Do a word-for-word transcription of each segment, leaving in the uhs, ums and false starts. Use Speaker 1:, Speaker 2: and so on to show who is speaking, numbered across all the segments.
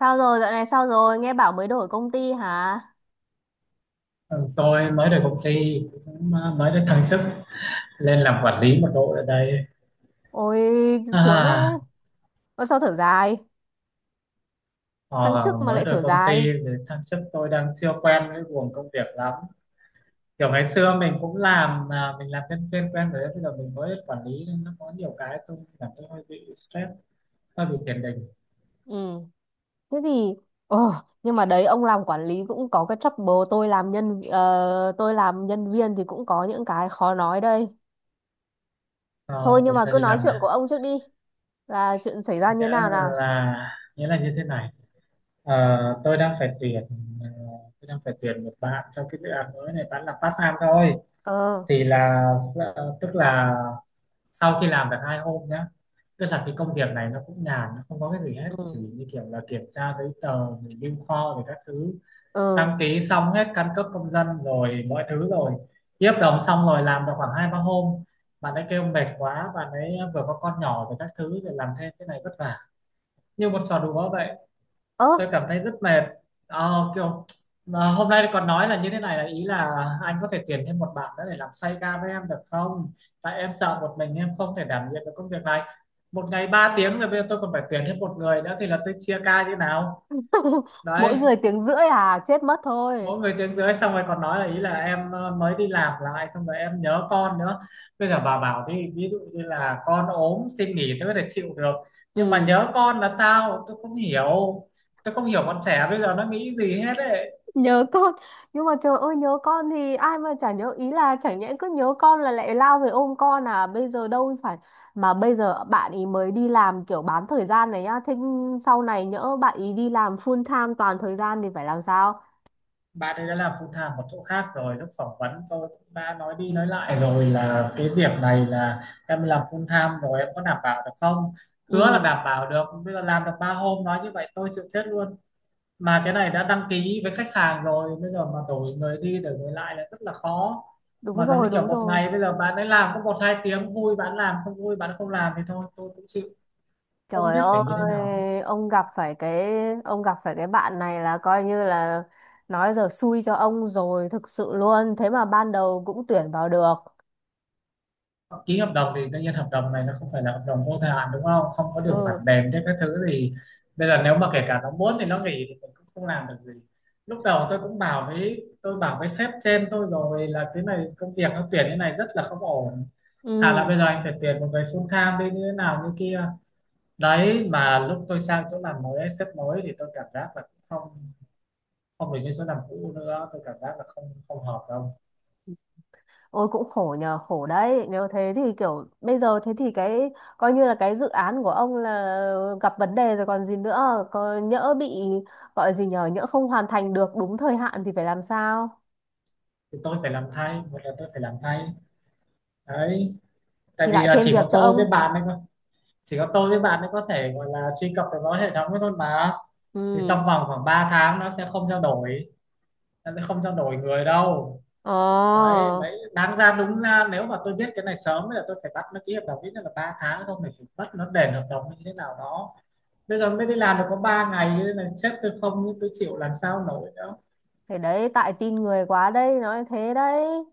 Speaker 1: Sao rồi, dạo này sao rồi? Nghe bảo mới đổi công ty hả?
Speaker 2: Ừ, Tôi mới được công ty, cũng à, mới được thăng chức lên làm quản lý một đội ở đây.
Speaker 1: Ôi, sướng đấy.
Speaker 2: à
Speaker 1: Ôi, sao thở dài? Thăng
Speaker 2: ờ,
Speaker 1: chức mà
Speaker 2: mới
Speaker 1: lại
Speaker 2: được
Speaker 1: thở
Speaker 2: công ty
Speaker 1: dài.
Speaker 2: thì thăng chức, tôi đang chưa quen với guồng công việc lắm. Kiểu ngày xưa mình cũng làm, mà mình làm nhân viên quen rồi đấy, bây giờ mình mới quản lý nên nó có nhiều cái tôi cảm thấy hơi bị stress, hơi bị tiền đình.
Speaker 1: Ừ, thế thì... Ờ, nhưng mà đấy, ông làm quản lý cũng có cái trouble. Tôi làm nhân... ờ, tôi làm nhân viên thì cũng có những cái khó nói đây. Thôi,
Speaker 2: ờ,
Speaker 1: nhưng
Speaker 2: mình
Speaker 1: mà
Speaker 2: giờ
Speaker 1: cứ
Speaker 2: đi
Speaker 1: nói
Speaker 2: làm
Speaker 1: chuyện
Speaker 2: này,
Speaker 1: của ông trước đi. Là chuyện xảy ra
Speaker 2: nghĩa
Speaker 1: như nào nào?
Speaker 2: là nghĩa là như thế này. Ờ, tôi đang phải tuyển ờ, tôi đang phải tuyển một bạn cho cái dự án mới này, bạn làm part time thôi.
Speaker 1: Ờ.
Speaker 2: Thì là s- tức là sau khi làm được hai hôm nhá, tức là cái công việc này nó cũng nhàn, nó không có cái gì hết, chỉ
Speaker 1: Ừ,
Speaker 2: như kiểu là kiểm tra giấy tờ rồi lưu kho rồi các thứ.
Speaker 1: ừ.
Speaker 2: Đăng ký xong hết căn cước công dân rồi mọi thứ rồi, ký hợp đồng xong rồi làm được khoảng hai ba hôm. Bạn ấy kêu mệt quá, bạn ấy vừa có con nhỏ rồi các thứ, rồi làm thêm cái này vất vả, như một trò đùa vậy.
Speaker 1: Ơ.
Speaker 2: Tôi cảm thấy rất mệt. Ờ, kiểu mà hôm nay còn nói là như thế này, là ý là anh có thể tuyển thêm một bạn nữa để làm xoay ca với em được không, tại em sợ một mình em không thể đảm nhiệm được công việc này. Một ngày ba tiếng rồi bây giờ tôi còn phải tuyển thêm một người nữa thì là tôi chia ca như nào?
Speaker 1: Mỗi
Speaker 2: Đấy,
Speaker 1: người tiếng rưỡi à? Chết mất thôi.
Speaker 2: mỗi người tiếng rưỡi xong rồi còn nói là ý là em ờ, mới đi làm lại xong rồi em nhớ con nữa. Bây giờ bà bảo đi, ví dụ như là con ốm xin nghỉ tôi có thể chịu được, nhưng mà
Speaker 1: Ừ.
Speaker 2: nhớ con là sao tôi không hiểu. Tôi không hiểu bọn trẻ bây giờ nó nghĩ gì hết ấy.
Speaker 1: Nhớ con, nhưng mà trời ơi, nhớ con thì ai mà chả nhớ, ý là chẳng nhẽ cứ nhớ con là lại lao về ôm con à, bây giờ đâu phải. Mà bây giờ bạn ý mới đi làm kiểu bán thời gian này nhá, thế sau này nhỡ bạn ý đi làm full time toàn thời gian thì phải làm sao?
Speaker 2: Bạn ấy đã làm full time một chỗ khác rồi, lúc phỏng vấn tôi cũng đã nói đi nói lại rồi là cái việc này là em làm full time rồi em có đảm bảo được không. Hứa là
Speaker 1: Ừ,
Speaker 2: đảm bảo được, bây giờ làm được ba hôm nói như vậy tôi chịu chết luôn. Mà cái này đã đăng ký với khách hàng rồi, bây giờ mà đổi người đi đổi người lại là rất là khó.
Speaker 1: đúng
Speaker 2: Mà giống như
Speaker 1: rồi
Speaker 2: kiểu
Speaker 1: đúng
Speaker 2: một
Speaker 1: rồi.
Speaker 2: ngày bây giờ bạn ấy làm có một hai tiếng, vui bạn làm, không vui bạn không làm thì thôi, tôi cũng chịu, không
Speaker 1: Trời
Speaker 2: biết phải như thế nào hết.
Speaker 1: ơi, ông gặp phải cái, ông gặp phải cái bạn này là coi như là nói giờ xui cho ông rồi, thực sự luôn, thế mà ban đầu cũng tuyển vào được.
Speaker 2: Ký hợp đồng thì tự nhiên hợp đồng này nó không phải là hợp đồng vô thời hạn đúng không, không có điều khoản
Speaker 1: Ừ.
Speaker 2: đền thế các thứ, thì bây giờ nếu mà kể cả nó muốn thì nó nghỉ thì mình cũng không làm được gì. Lúc đầu tôi cũng bảo với tôi bảo với sếp trên tôi rồi là cái này công việc nó tuyển như này rất là không ổn. Thà là
Speaker 1: Ừ.
Speaker 2: bây giờ anh phải tuyển một người full time đi như thế nào như kia. Đấy mà lúc tôi sang chỗ làm mới ấy, sếp mới thì tôi cảm giác là cũng không không được như chỗ làm cũ nữa, tôi cảm giác là không không hợp đâu.
Speaker 1: Ôi cũng khổ nhờ, khổ đấy. Nếu thế thì kiểu bây giờ thế thì cái coi như là cái dự án của ông là gặp vấn đề rồi còn gì nữa, có nhỡ bị gọi gì nhờ, nhỡ không hoàn thành được đúng thời hạn thì phải làm sao?
Speaker 2: Thì tôi phải làm thay, một là tôi phải làm thay đấy, tại
Speaker 1: Thì
Speaker 2: vì
Speaker 1: lại
Speaker 2: là
Speaker 1: thêm
Speaker 2: chỉ
Speaker 1: việc
Speaker 2: có
Speaker 1: cho
Speaker 2: tôi với
Speaker 1: ông.
Speaker 2: bạn ấy thôi, chỉ có tôi với bạn ấy có thể gọi là truy cập được vào hệ thống ấy thôi mà. Thì
Speaker 1: Ừ.
Speaker 2: trong vòng khoảng ba tháng nó sẽ không trao đổi nó sẽ không trao đổi người đâu.
Speaker 1: Ờ.
Speaker 2: Đấy, mấy đáng ra đúng ra nếu mà tôi biết cái này sớm thì là tôi phải bắt nó ký hợp đồng ít nhất là ba tháng, không thì phải bắt nó đền hợp đồng như thế nào đó. Bây giờ mới đi làm được có ba ngày như thế này, sếp tôi, không, tôi chịu làm sao nổi nữa.
Speaker 1: Thế đấy, tại tin người quá đây, nói thế đấy.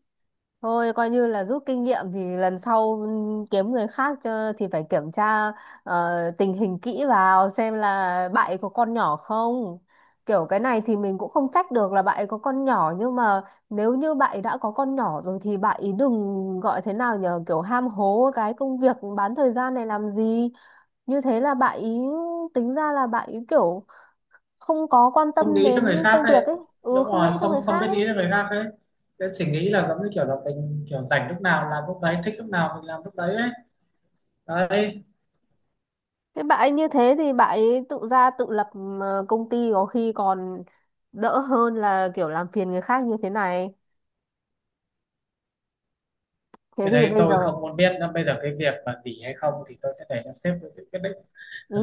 Speaker 1: Thôi coi như là rút kinh nghiệm thì lần sau ừm, kiếm người khác cho thì phải kiểm tra ờ, tình hình kỹ vào xem là bạn ấy có con nhỏ không. Kiểu cái này thì mình cũng không trách được là bạn ấy có con nhỏ, nhưng mà nếu như bạn ấy đã có con nhỏ rồi thì bạn ấy đừng gọi thế nào nhờ kiểu ham hố cái công việc bán thời gian này làm gì. Như thế là bạn ấy tính ra là bạn ấy kiểu không có quan
Speaker 2: Không
Speaker 1: tâm
Speaker 2: nghĩ cho
Speaker 1: đến
Speaker 2: người khác
Speaker 1: công việc
Speaker 2: đấy.
Speaker 1: ấy. Ừ,
Speaker 2: Đúng
Speaker 1: không
Speaker 2: rồi,
Speaker 1: nghĩ cho người
Speaker 2: không không biết
Speaker 1: khác ấy.
Speaker 2: nghĩ cho người khác ấy. Thế chỉ nghĩ là giống như kiểu là mình kiểu rảnh lúc nào làm lúc đấy, thích lúc nào mình làm lúc đấy ấy. Đấy,
Speaker 1: Thế bà ấy như thế thì bà ấy tự ra tự lập, ờ, công ty có khi còn đỡ hơn là kiểu làm phiền người khác như thế này. Thế
Speaker 2: cái
Speaker 1: thì
Speaker 2: đấy
Speaker 1: bây
Speaker 2: tôi
Speaker 1: giờ
Speaker 2: không muốn biết, nên bây giờ cái việc mà nghỉ hay không thì tôi sẽ để cho sếp tự quyết định.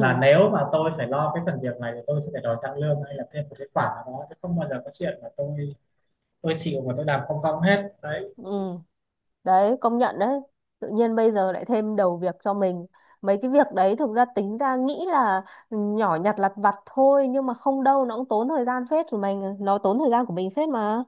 Speaker 2: Và nếu mà tôi phải lo cái phần việc này thì tôi sẽ phải đòi tăng lương hay là thêm một cái khoản nào đó, chứ không bao giờ có chuyện mà tôi tôi chịu và tôi làm không công hết đấy.
Speaker 1: Ừ, đấy công nhận đấy. Tự nhiên bây giờ lại thêm đầu việc cho mình, mấy cái việc đấy thực ra tính ra nghĩ là nhỏ nhặt lặt vặt thôi, nhưng mà không đâu, nó cũng tốn thời gian phết của mình, nó tốn thời gian của mình phết mà.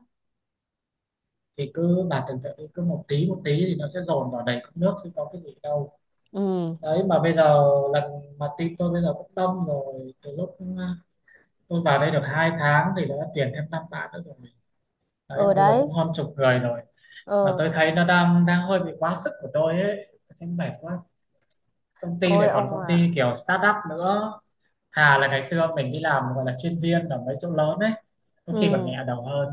Speaker 2: Thì cứ bà tưởng tượng đi, cứ một tí một tí thì nó sẽ dồn vào đầy cốc nước chứ có cái gì đâu.
Speaker 1: Ừ.
Speaker 2: Đấy mà bây giờ lần mà team tôi bây giờ cũng đông rồi, từ lúc uh, tôi vào đây được hai tháng thì nó đã tuyển thêm năm bạn nữa rồi. Đấy
Speaker 1: Ở
Speaker 2: mà bây giờ
Speaker 1: đấy.
Speaker 2: cũng hơn chục người rồi, mà
Speaker 1: Ờ.
Speaker 2: tôi thấy nó đang đang hơi bị quá sức của tôi ấy, tôi thấy mệt quá. Công ty
Speaker 1: Ôi
Speaker 2: này còn
Speaker 1: ông
Speaker 2: công
Speaker 1: à.
Speaker 2: ty kiểu startup nữa. Thà là ngày xưa mình đi làm gọi là chuyên viên ở mấy chỗ lớn ấy, có
Speaker 1: Ừ.
Speaker 2: khi còn nhẹ đầu hơn.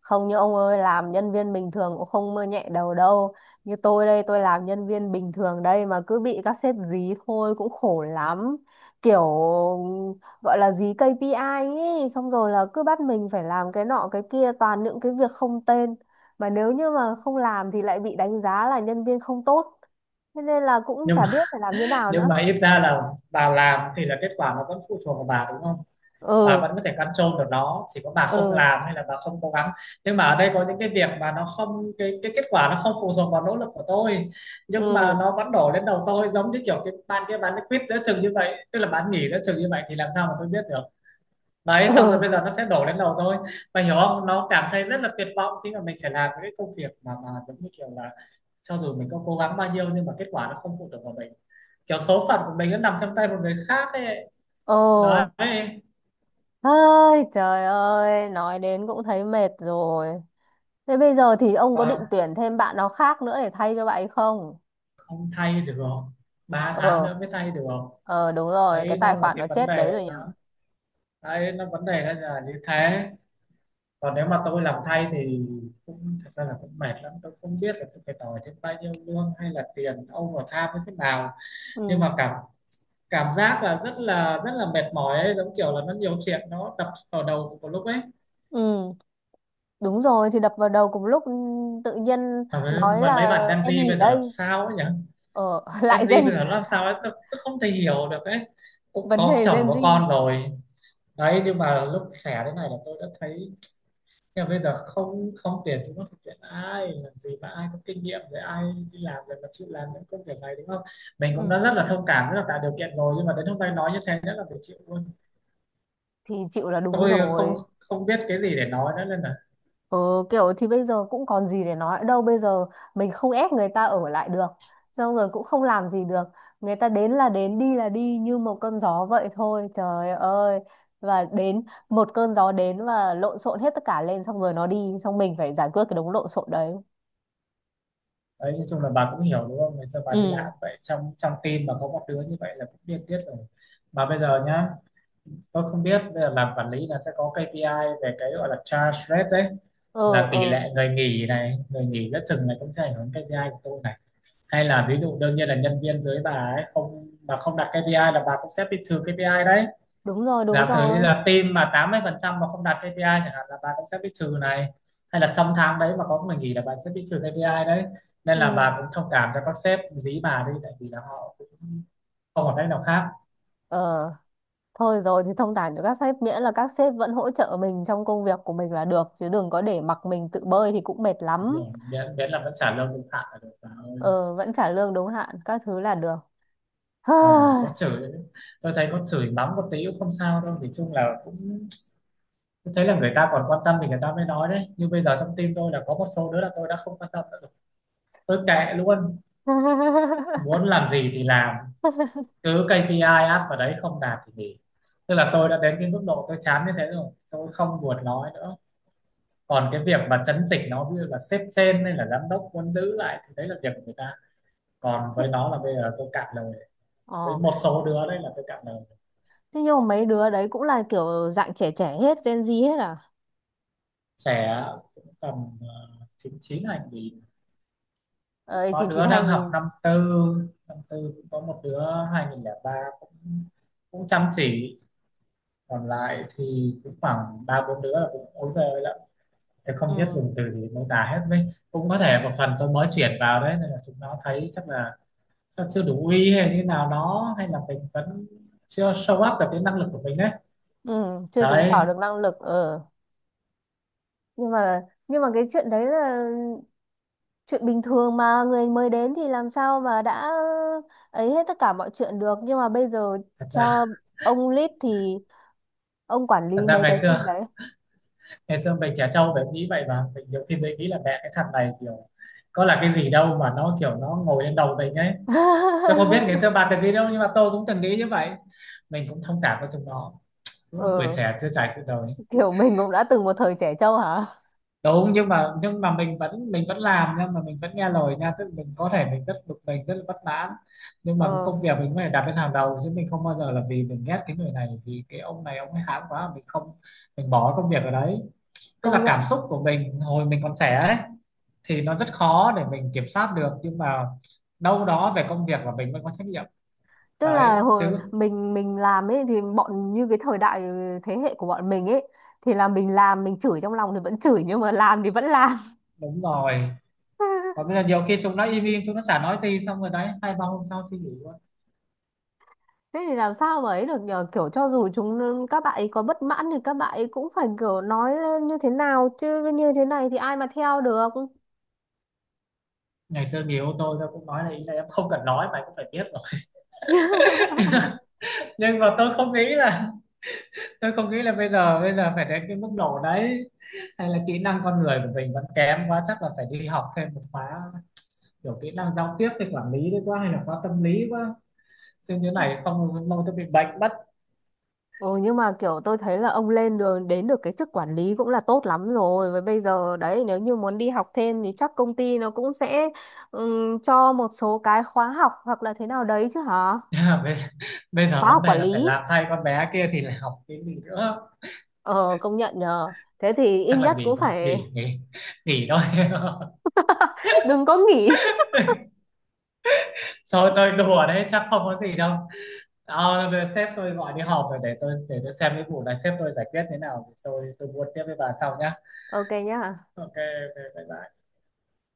Speaker 1: Không như ông ơi, làm nhân viên bình thường cũng không mơ nhẹ đầu đâu. Như tôi đây, tôi làm nhân viên bình thường đây mà cứ bị các sếp dí thôi cũng khổ lắm. Kiểu gọi là dí ca pê i ấy, xong rồi là cứ bắt mình phải làm cái nọ cái kia, toàn những cái việc không tên. Mà nếu như mà không làm thì lại bị đánh giá là nhân viên không tốt. Thế nên là cũng
Speaker 2: Nhưng
Speaker 1: chả
Speaker 2: mà
Speaker 1: biết phải làm như nào
Speaker 2: nhưng mà
Speaker 1: nữa.
Speaker 2: ít ra là bà làm thì là kết quả nó vẫn phụ thuộc vào bà đúng không, bà
Speaker 1: Ừ.
Speaker 2: vẫn có thể control được nó, chỉ có bà không
Speaker 1: Ừ,
Speaker 2: làm hay là bà không cố gắng. Nhưng mà ở đây có những cái việc mà nó không, cái cái kết quả nó không phụ thuộc vào nỗ lực của tôi. Nhưng mà
Speaker 1: ừ,
Speaker 2: nó vẫn đổ lên đầu tôi, giống như kiểu cái bạn kia bán quýt giữa chừng như vậy, tức là bán nghỉ giữa chừng như vậy thì làm sao mà tôi biết được. Đấy xong rồi
Speaker 1: ừ.
Speaker 2: bây giờ nó sẽ đổ lên đầu tôi, mà hiểu không, nó cảm thấy rất là tuyệt vọng khi mà mình phải làm những cái công việc mà mà giống như kiểu là cho dù mình có cố gắng bao nhiêu nhưng mà kết quả nó không phụ thuộc vào mình, kiểu số phận của mình nó nằm trong tay một người khác ấy.
Speaker 1: Ồ.
Speaker 2: Đấy.
Speaker 1: Ơi trời ơi, nói đến cũng thấy mệt rồi. Thế bây giờ thì ông có định
Speaker 2: Còn
Speaker 1: tuyển thêm bạn nào khác nữa để thay cho bạn ấy không?
Speaker 2: không thay được, không ba tháng
Speaker 1: Ờ,
Speaker 2: nữa mới thay được, không
Speaker 1: ờ đúng rồi, cái
Speaker 2: đấy nó
Speaker 1: tài
Speaker 2: là
Speaker 1: khoản
Speaker 2: cái
Speaker 1: nó
Speaker 2: vấn
Speaker 1: chết đấy
Speaker 2: đề
Speaker 1: rồi nhỉ?
Speaker 2: nó, đấy nó vấn đề nó là như thế. Còn nếu mà tôi làm thay thì cũng thật ra là cũng mệt lắm, tôi không biết là tôi phải đòi thêm bao nhiêu lương hay là tiền overtime như thế nào. Nhưng
Speaker 1: Ừ.
Speaker 2: mà cảm cảm giác là rất là rất là mệt mỏi ấy, giống kiểu là nó nhiều chuyện nó đập vào đầu một lúc ấy.
Speaker 1: Ừ, đúng rồi thì đập vào đầu cùng lúc, ừ, tự nhiên
Speaker 2: mà mấy,
Speaker 1: nói
Speaker 2: mà
Speaker 1: là
Speaker 2: mấy bạn Gen
Speaker 1: em
Speaker 2: Z
Speaker 1: nghỉ
Speaker 2: bây giờ làm
Speaker 1: đây.
Speaker 2: sao ấy nhỉ,
Speaker 1: Ờ,
Speaker 2: Gen
Speaker 1: lại
Speaker 2: Z bây
Speaker 1: gen
Speaker 2: giờ nó làm sao ấy, tôi, tôi không thể hiểu được ấy. Cũng
Speaker 1: vấn
Speaker 2: có
Speaker 1: đề
Speaker 2: chồng
Speaker 1: Gen
Speaker 2: có
Speaker 1: Z.
Speaker 2: con rồi đấy, nhưng mà lúc trẻ thế này là tôi đã thấy, nhưng mà bây giờ không không tiền chúng nó thực hiện ai làm gì mà ai có kinh nghiệm rồi, ai đi làm rồi mà chịu làm những công việc này đúng không. Mình cũng
Speaker 1: Ừ,
Speaker 2: đã rất là thông cảm, rất là tạo điều kiện rồi, nhưng mà đến hôm nay nói như thế rất là phải chịu luôn.
Speaker 1: thì chịu là đúng
Speaker 2: Tôi không
Speaker 1: rồi.
Speaker 2: không biết cái gì để nói nữa nên là
Speaker 1: Ờ, kiểu thì bây giờ cũng còn gì để nói đâu, bây giờ mình không ép người ta ở lại được, xong rồi cũng không làm gì được, người ta đến là đến đi là đi như một cơn gió vậy thôi, trời ơi. Và đến một cơn gió đến và lộn xộn hết tất cả lên, xong rồi nó đi xong mình phải giải quyết cái đống lộn xộn đấy.
Speaker 2: đấy, nói chung là bà cũng hiểu đúng không, ngày xưa bà đi làm
Speaker 1: Ừ.
Speaker 2: vậy, trong trong team mà có một đứa như vậy là cũng điên tiết rồi. Mà bây giờ nhá, tôi không biết bây giờ làm quản lý là sẽ có ca pê i về cái gọi là charge rate đấy,
Speaker 1: Ờ
Speaker 2: là tỷ
Speaker 1: ờ.
Speaker 2: lệ người nghỉ này, người nghỉ giữa chừng này cũng sẽ ảnh hưởng ca pê i của tôi này. Hay là ví dụ đương nhiên là nhân viên dưới bà ấy không, mà không đạt kây pi ai là bà cũng sẽ bị trừ kây pi ai đấy.
Speaker 1: Đúng rồi đúng
Speaker 2: Giả sử như
Speaker 1: rồi.
Speaker 2: là team mà tám mươi phần trăm mà không đạt ca pê i chẳng hạn là bà cũng sẽ bị trừ này, hay là trong tháng đấy mà có người nghỉ là bà sẽ bị trừ ca pê i đấy. Nên
Speaker 1: Ừ.
Speaker 2: là bà cũng thông cảm cho các sếp dí bà đi, tại vì là họ cũng không còn cách nào khác.
Speaker 1: Ờ, thôi rồi thì thông cảm cho các sếp miễn là các sếp vẫn hỗ trợ mình trong công việc của mình là được, chứ đừng có để mặc mình tự bơi thì cũng mệt
Speaker 2: Đúng
Speaker 1: lắm.
Speaker 2: rồi. Miễn, miễn là vẫn trả lương đúng hạn là được bà ơi.
Speaker 1: Ờ, vẫn trả lương đúng hạn các thứ là được.
Speaker 2: Còn có chửi nữa. Tôi thấy có chửi mắng một tí cũng không sao đâu, thì chung là cũng, tôi thấy là người ta còn quan tâm thì người ta mới nói đấy. Nhưng bây giờ trong tim tôi là có một số đứa là tôi đã không quan tâm nữa rồi. Tôi kệ luôn, muốn làm gì thì làm, cứ kây pi ai áp vào đấy, không đạt thì nghỉ. Tức là tôi đã đến cái mức độ tôi chán như thế rồi, tôi không buồn nói nữa. Còn cái việc mà chấn chỉnh nó, ví dụ là sếp trên hay là giám đốc muốn giữ lại, thì đấy là việc của người ta. Còn với nó là bây giờ tôi cạn lời với
Speaker 1: Ờ,
Speaker 2: một số đứa đây, là tôi cảm thấy
Speaker 1: thế nhưng mà mấy đứa đấy cũng là kiểu dạng trẻ trẻ hết, Gen Z hết à?
Speaker 2: trẻ, cũng tầm ờ, chín chín hành gì.
Speaker 1: Ờ,
Speaker 2: Có
Speaker 1: chín chín
Speaker 2: đứa đang học
Speaker 1: hai không không không.
Speaker 2: năm tư, năm tư cũng có một đứa, hai nghìn lẻ ba, cũng cũng chăm chỉ. Còn lại thì cũng khoảng ba bốn đứa là cũng ối giời ơi lắm, tôi không biết
Speaker 1: Ừ,
Speaker 2: dùng từ gì mô tả hết. Với cũng có thể một phần do mới chuyển vào đấy nên là chúng nó thấy chắc là chắc chưa đủ uy hay như nào đó, hay là mình vẫn chưa show up được cái năng lực của mình đấy.
Speaker 1: ừ, chưa chứng tỏ
Speaker 2: Đấy.
Speaker 1: được năng lực. Ờ. Nhưng mà nhưng mà cái chuyện đấy là chuyện bình thường mà, người mới đến thì làm sao mà đã ấy hết tất cả mọi chuyện được. Nhưng mà bây giờ
Speaker 2: thật
Speaker 1: cho
Speaker 2: ra
Speaker 1: ông lead thì ông quản
Speaker 2: thật
Speaker 1: lý
Speaker 2: ra
Speaker 1: mấy
Speaker 2: ngày
Speaker 1: cái team
Speaker 2: xưa
Speaker 1: đấy.
Speaker 2: ngày xưa mình trẻ trâu mình nghĩ vậy mà, mình nhiều khi mình nghĩ là mẹ cái thằng này kiểu có là cái gì đâu mà nó kiểu nó ngồi lên đầu mình ấy. Tôi không biết ngày xưa bà từng nghĩ đâu, nhưng mà tôi cũng từng nghĩ như vậy. Mình cũng thông cảm với chúng nó, đúng không? Tuổi
Speaker 1: Ừ.
Speaker 2: trẻ chưa trải sự đời.
Speaker 1: Kiểu mình cũng đã từng một thời trẻ trâu hả.
Speaker 2: Đúng, nhưng mà nhưng mà mình vẫn mình vẫn làm, nhưng mà mình vẫn nghe lời nha. Tức là mình có thể mình rất bực, mình rất là bất mãn, nhưng mà cái
Speaker 1: Ờ,
Speaker 2: công việc mình phải đặt lên hàng đầu chứ. Mình không bao giờ là vì mình ghét cái người này, vì cái ông này ông ấy hãm quá, mình không, mình bỏ công việc ở đấy. Tức
Speaker 1: công
Speaker 2: là cảm
Speaker 1: nhận.
Speaker 2: xúc của mình hồi mình còn trẻ ấy thì nó rất khó để mình kiểm soát được, nhưng mà đâu đó về công việc của mình vẫn có trách nhiệm
Speaker 1: Tức là
Speaker 2: đấy
Speaker 1: hồi
Speaker 2: chứ.
Speaker 1: mình mình làm ấy thì bọn như cái thời đại thế hệ của bọn mình ấy thì là mình làm, mình chửi trong lòng thì vẫn chửi nhưng mà làm thì vẫn làm.
Speaker 2: Đúng rồi. Còn bây giờ nhiều khi chúng nó im im, chúng nó chả nói gì, xong rồi đấy hai ba hôm sau suy nghĩ quá.
Speaker 1: Thế thì làm sao mà ấy được nhờ, kiểu cho dù chúng các bạn ấy có bất mãn thì các bạn ấy cũng phải kiểu nói lên như thế nào, chứ như thế này thì ai mà theo được.
Speaker 2: Ngày xưa người yêu tôi tôi cũng nói là ý là em không cần nói mà cũng phải biết rồi. Nhưng mà tôi không nghĩ là tôi không nghĩ là bây giờ bây giờ phải đến cái mức độ đấy, hay là kỹ năng con người của mình vẫn kém quá, chắc là phải đi học thêm một khóa, kiểu kỹ năng giao tiếp với quản lý đấy quá, hay là khóa tâm lý quá. Chứ như này không lâu tôi bị bệnh.
Speaker 1: Ừ, nhưng mà kiểu tôi thấy là ông lên đường đến được cái chức quản lý cũng là tốt lắm rồi. Với bây giờ đấy nếu như muốn đi học thêm thì chắc công ty nó cũng sẽ ừm, cho một số cái khóa học hoặc là thế nào đấy chứ hả?
Speaker 2: bây, bây giờ
Speaker 1: Khóa
Speaker 2: vấn
Speaker 1: học
Speaker 2: đề
Speaker 1: quản
Speaker 2: là phải
Speaker 1: lý.
Speaker 2: làm thay con bé kia thì lại học cái gì nữa.
Speaker 1: Ờ công nhận nhờ. Thế thì ít
Speaker 2: Chắc là
Speaker 1: nhất
Speaker 2: nghỉ
Speaker 1: cũng
Speaker 2: thôi,
Speaker 1: phải
Speaker 2: nghỉ, nghỉ, nghỉ thôi.
Speaker 1: đừng có nghỉ.
Speaker 2: Thôi tôi đùa đấy, chắc không có gì đâu. Ờ, bây giờ sếp tôi gọi đi họp rồi, để tôi để tôi xem cái vụ này sếp tôi giải quyết thế nào, rồi tôi tôi buôn tiếp với bà sau nhá.
Speaker 1: Ok nhá.
Speaker 2: Ok, ok, bye bye.